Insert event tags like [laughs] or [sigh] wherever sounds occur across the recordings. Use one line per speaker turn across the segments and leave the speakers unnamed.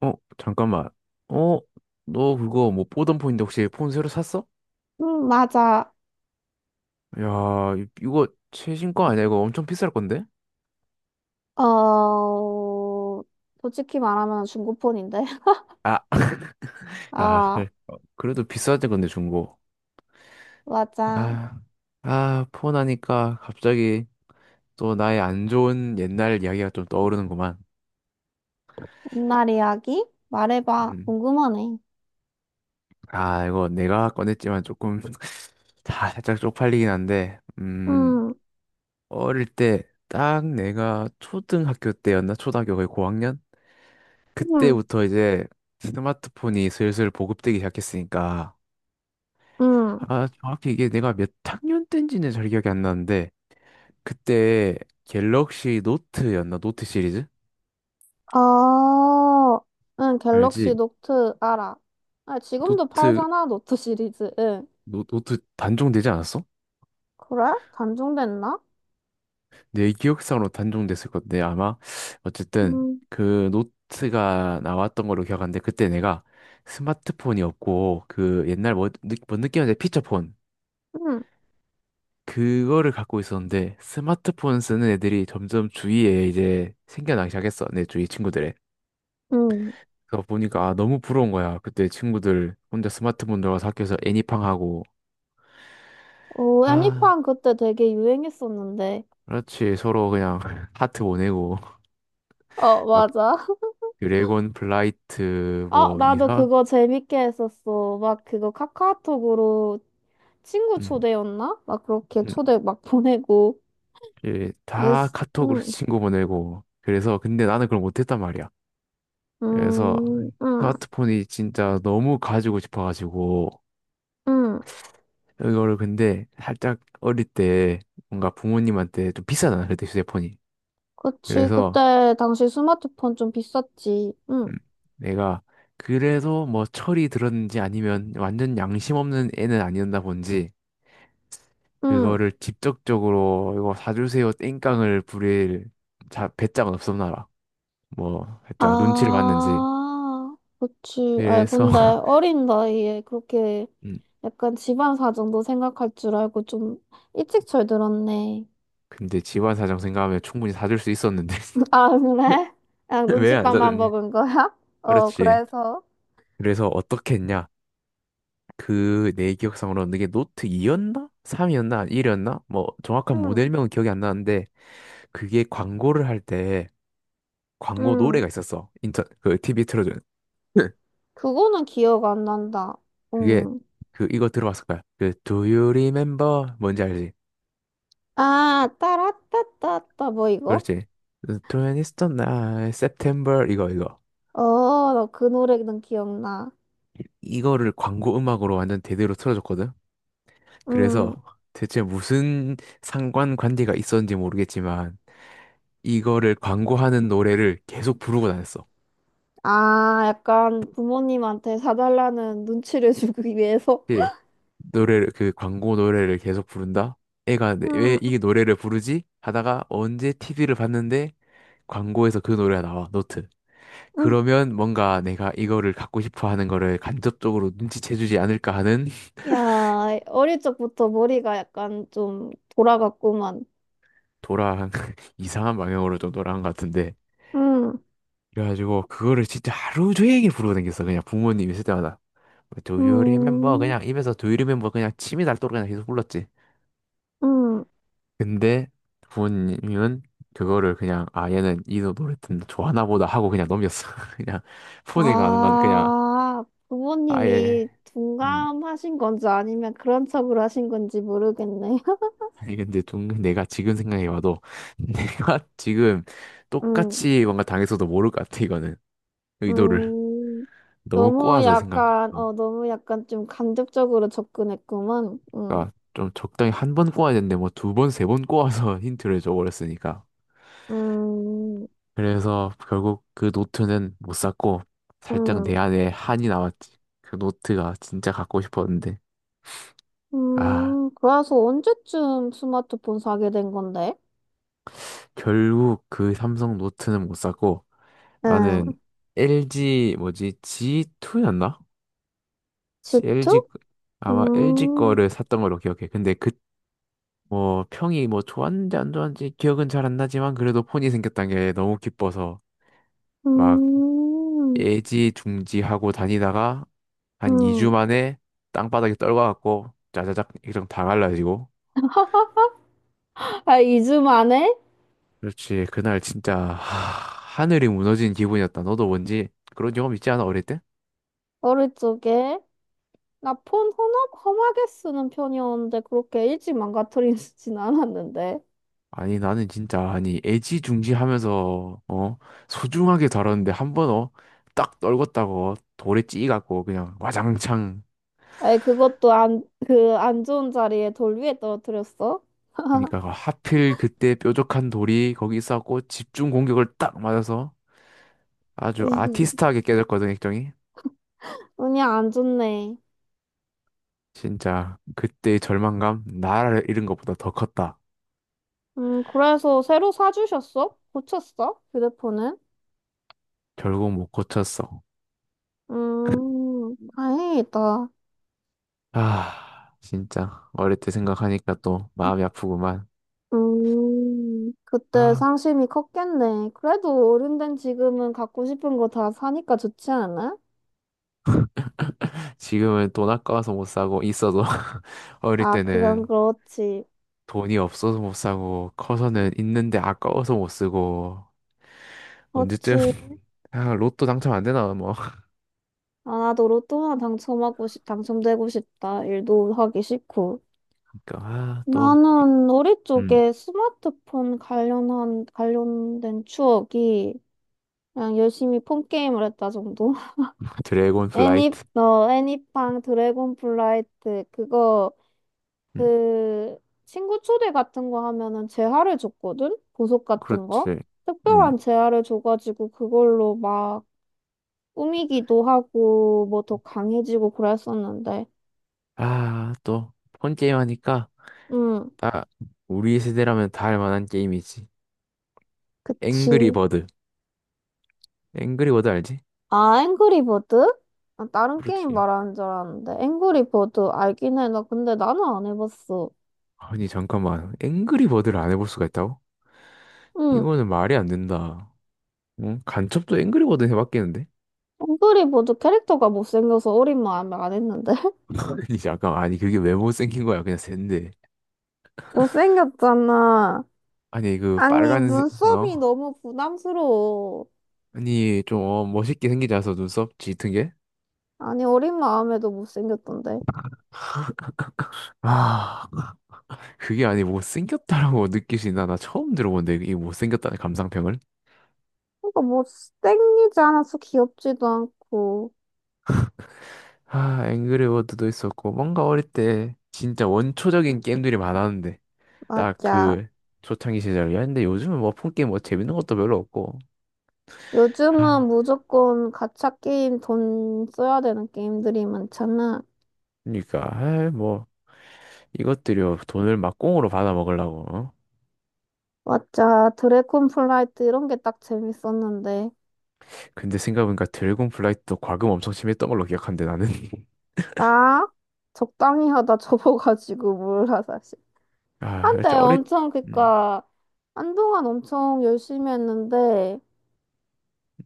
어, 잠깐만. 어, 너 그거 뭐 보던 폰인데 혹시 폰 새로 샀어?
맞아.
야, 이거 최신 거 아니야? 이거 엄청 비쌀 건데?
어, 솔직히 말하면 중고폰인데. [laughs]
아, 아,
아,
[laughs] 어, 그래도 비싸지 건데 중고.
맞아.
아, 아, 폰 하니까 갑자기 또 나의 안 좋은 옛날 이야기가 좀 떠오르는구만.
옛날 이야기? 말해봐.
음.
궁금하네.
아, 이거 내가 꺼냈지만 조금 [laughs] 다 살짝 쪽팔리긴 한데,
음,
어릴 때 딱 내가 초등학교 때였나? 초등학교 거의 고학년?
음,
그때부터 이제 스마트폰이 슬슬 보급되기 시작했으니까
음.
아 정확히 이게 내가 몇 학년 때인지는 잘 기억이 안 나는데 그때 갤럭시 노트였나 노트 시리즈
어, 응, 갤럭시
알지
노트 알아. 아, 지금도
노트
팔잖아, 노트 시리즈. 응.
노트 단종되지 않았어?
그래? 단종됐나?
내 기억상으로 단종됐을 건데 아마 어쨌든
음,
그 노트가 나왔던 걸로 기억하는데 그때 내가 스마트폰이 없고 그 옛날 뭐, 뭐 느낌인데 피처폰
음,
그거를 갖고 있었는데 스마트폰 쓰는 애들이 점점 주위에 이제 생겨나기 시작했어. 내 주위 친구들에.
음.
그래서 보니까 아, 너무 부러운 거야. 그때 친구들 혼자 스마트폰 들어가서 학교에서 애니팡 하고
오,
아
애니팡 그때 되게 유행했었는데.
그렇지 서로 그냥 [laughs] 하트 보내고
어,
막
맞아.
드래곤 플라이트
아,
뭐
나도
이상
그거 재밌게 했었어. 막 그거 카카오톡으로 친구
음,
초대였나? 막 그렇게
음,
초대 막 [laughs] 보내고.
예, 다
예스.
카톡으로 [laughs]
응.
친구 보내고 그래서 근데 나는 그걸 못했단 말이야. 그래서
응,
스마트폰이 진짜 너무 가지고 싶어가지고
응.
이거를 근데 살짝 어릴 때 뭔가 부모님한테 좀 비싸잖아, 그때 휴대폰이.
그치.
그래서
그때 당시 스마트폰 좀 비쌌지. 응,
음, 내가 그래도 뭐 철이 들었는지 아니면 완전 양심 없는 애는 아니었나 본지
응.
그거를 직접적으로 이거 사주세요 땡깡을 부릴 자, 배짱은 없었나라. 뭐 살짝 눈치를 봤는지.
아, 그치. 아이,
그래서
근데
[laughs]
어린 나이에 그렇게
음,
약간 집안 사정도 생각할 줄 알고 좀 일찍 철들었네.
근데 집안 사정 생각하면 충분히 사줄 수 있었는데
아,
[laughs]
그래? 그냥
왜 안
눈칫밥만
사줬냐?
먹은 거야? [laughs] 어,
그렇지.
그래서.
그래서 어떻게 했냐? 그 내 기억상으로는 그게 노트 2였나? 3이었나? 1이었나? 뭐 정확한
응,
모델명은 기억이 안 나는데 그게 광고를 할 때 광고
응.
노래가 있었어. 인터 그 TV 틀어주는. [laughs]
그거는 기억 안 난다.
그게
응.
그 이거 들어봤을 거야. 그 Do you remember? 뭔지 알지?
아, 따라따따따, 뭐 이거?
그렇지. The 20th night, September 이거 이거.
어, 나 그 노래는 기억나.
이거를 광고 음악으로 완전 대대로 틀어줬거든.
응.
그래서 대체 무슨 상관 관계가 있었는지 모르겠지만 이거를 광고하는 노래를 계속 부르고 다녔어.
아, 약간 부모님한테 사달라는 눈치를 [laughs] 주기 위해서?
이렇게 노래를 그 광고 노래를 계속 부른다. 애가
응,
왜 이 노래를 부르지? 하다가 언제 TV를 봤는데 광고에서 그 노래가 나와, 노트.
응.
그러면 뭔가 내가 이거를 갖고 싶어 하는 거를 간접적으로 눈치채주지 않을까 하는
야, 어릴 적부터 머리가 약간 좀 돌아갔구만.
돌아한 [laughs] 이상한 방향으로 좀 돌아간 것 같은데.
응,
그래가지고 그거를 진짜 하루 종일 부르고 다녔어. 그냥 부모님 있을 때마다. Do you remember?
응,
그냥 입에서 Do you remember? 그냥 침이 닳도록 그냥 계속 불렀지.
응.
근데 부모님은 그거를 그냥 아 얘는 이 노래 듣는 좋아하나 보다 하고 그냥 넘겼어. [laughs] 그냥 폰에 가는 건 그냥
아,
아예
부모님이
음
둔감하신 건지 아니면 그런 척을 하신 건지 모르겠네. [laughs]
아니 근데 좀 내가 지금 생각해봐도 [laughs] 내가 지금
음,
똑같이 뭔가 당했어도 모를 것 같아 이거는 의도를
음,
너무
너무
꼬아서 생각.
약간, 너무 약간 좀 간접적으로 접근했구만.
그러니까 좀 적당히 한 번 꼬아야 되는데 뭐 두 번 세 번 꼬아서 [laughs] 힌트를 줘버렸으니까.
음,
그래서 결국 그 노트는 못 샀고 살짝 내
음,
안에 한이 남았지. 그 노트가 진짜 갖고 싶었는데. 아,
그래서 언제쯤 스마트폰 사게 된 건데?
결국 그 삼성 노트는 못 샀고
응,
나는 LG 뭐지? G2였나?
지투.
LG 아마 LG
음,
거를 샀던 걸로 기억해. 근데 그 뭐 평이 뭐 좋았는지 안 좋았는지 기억은 잘 안 나지만 그래도 폰이 생겼다는 게 너무 기뻐서
음,
애지중지하고 다니다가 한
음.
2주 만에 땅바닥에 떨궈갖고 짜자작 액정 다 갈라지고
[laughs] 아, 2주 만에?
그렇지 그날 진짜 하, 늘이 무너진 기분이었다 너도 뭔지 그런 경험 있지 않아 어릴 때?
어릴 적에? 나 험하게 쓰는 편이었는데 그렇게 일찍 망가뜨리진 [laughs] 않았는데.
아니 나는 진짜 아니 애지중지하면서 소중하게 다뤘는데 한번 딱 떨궜다고 돌에 찌갖고 그냥 와장창
아니 그것도 안, 그 안 좋은 자리에 돌 위에 떨어뜨렸어? [laughs]
그러니까 그 하필 그때 뾰족한 돌이 거기 있갖고 집중 공격을 딱 맞아서 아주
이흠.
아티스트하게 깨졌거든 액정이
운이 안 좋네.
진짜 그때의 절망감 나라를 잃은 것보다 더 컸다.
그래서 새로 사주셨어? 고쳤어? 휴대폰은?
결국 못 고쳤어.
다행이다.
아, 진짜 어릴 때 생각하니까 또 마음이 아프구만.
그때
아,
상심이 컸겠네. 그래도 어른된 지금은 갖고 싶은 거 다 사니까 좋지 않아?
지금은 돈 아까워서 못 사고 있어도 [laughs] 어릴
아, 그건
때는
그렇지.
돈이 없어서 못 사고 커서는 있는데 아까워서 못 쓰고 언제쯤
그렇지.
[laughs] 아, 로또 당첨 안 되나 뭐.
아, 나도 당첨되고 싶다. 일도 하기 싫고.
그러니까 아, 또
나는 우리
음,
쪽에 관련된 추억이 그냥 열심히 폰 게임을 했다 정도? [laughs]
드래곤 플라이트.
애니팡 드래곤 플라이트,
음,
그, 친구 초대 같은 거 하면은 재화를 줬거든? 보석 같은 거?
그렇지. 음.
특별한 재화를 줘가지고 그걸로 막 꾸미기도 하고 뭐 더 강해지고 그랬었는데.
아, 또 폰 게임 하니까
음.
다 우리 세대라면 다 할 만한 게임이지. 앵그리
그치.
버드. 앵그리 버드 알지?
아, 앵그리버드? 아, 다른 게임
그렇지.
말하는 줄 알았는데. 앵그리버드 알긴 해. 나 근데 나는 안 해봤어.
아니 잠깐만. 앵그리 버드를 안 해볼 수가 있다고?
응.
이거는 말이 안 된다. 응? 간첩도 앵그리 버드 해봤겠는데?
앵그리버드 캐릭터가 못생겨서 어린 마음에 안 했는데. [laughs]
[laughs] 아니 잠깐 아니 그게 왜 못생긴 거야? 그냥 샌데.
못생겼잖아.
아니 그
아니,
빨간색
눈썹이
어?
너무 부담스러워.
아니 좀 멋있게 생기지 않아서 눈썹 짙은 게?
아니, 어린 마음에도 못생겼던데.
아 그게 아니 못생겼다라고 느끼시나? 나 처음 들어본데 이 못생겼다는 감상평을?
그러니까 못생기지 않아서 귀엽지도 않고.
아, 앵그리워드도 있었고, 뭔가 어릴 때 진짜 원초적인 게임들이 많았는데, 딱
맞아.
그 초창기 시절이었는데, 요즘은 뭐 폰 게임 뭐 재밌는 것도 별로 없고, 아,
요즘은 무조건 가챠 게임 돈 써야 되는 게임들이 많잖아.
그러니까, 아, 뭐, 이것들이 돈을 막 공으로 받아 먹으려고. 어?
맞아. 드래곤 플라이트 이런 게 딱 재밌었는데.
근데 생각해보니까 드래곤 플라이트도 과금 엄청 심했던 걸로 기억한데, 나는. [laughs]
나 적당히 하다 [laughs] 접어가지고 몰라, 사실.
아, 그렇지,
한때
어릴,
엄청,
음,
그니까, 한동안 엄청 열심히 했는데,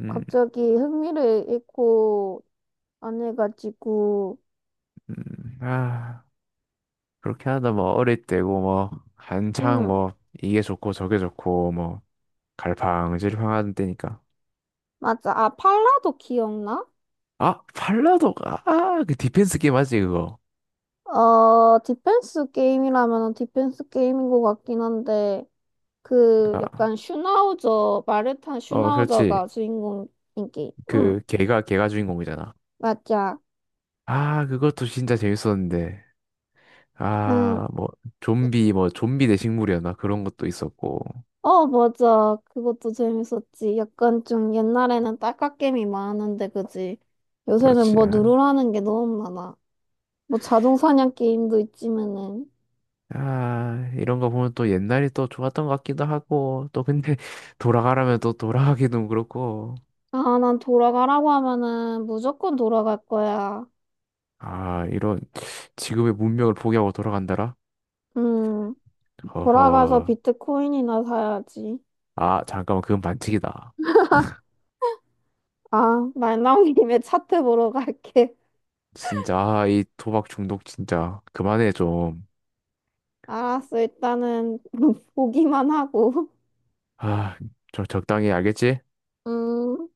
음,
갑자기 흥미를 잃고 안 해가지고,
아, 그렇게 하다 뭐, 어릴 때고, 뭐, 한창
음,
뭐, 이게 좋고 저게 좋고, 뭐, 갈팡질팡 하던 때니까.
맞아. 아, 팔라도 기억나?
아, 팔라도가, 아, 그 디펜스 게임 맞지, 그거.
어, 디펜스 게임이라면 디펜스 게임인 것 같긴 한데, 그,
아,
약간 슈나우저, 마르탄
그렇지.
슈나우저가 주인공인 게임.
그, 걔가 주인공이잖아.
맞아.
아, 그것도 진짜 재밌었는데.
응.
아, 뭐, 좀비 대 식물이었나? 그런 것도 있었고.
어, 맞아. 그것도 재밌었지. 약간 좀 옛날에는 딸깍게임이 많았는데, 그지? 요새는
그렇지.
뭐
아,
누르라는 게 너무 많아. 뭐 자동사냥 게임도 있지만은.
아, 이런 거 보면 또 옛날이 또 좋았던 것 같기도 하고, 또 근데 [laughs] 돌아가라면 또 돌아가기도 그렇고.
아, 난 돌아가라고 하면은 무조건 돌아갈 거야.
아, 이런, 지금의 문명을 포기하고 돌아간다라?
음, 돌아가서
허허.
비트코인이나 사야지.
아, 잠깐만, 그건 반칙이다.
아, 말 나온 [laughs] 김에 차트 보러 갈게.
진짜, 아, 이 도박 중독 진짜. 그만해, 좀.
알았어. 일단은 [laughs] 보기만 하고.
아, 저 적당히 알겠지?
음.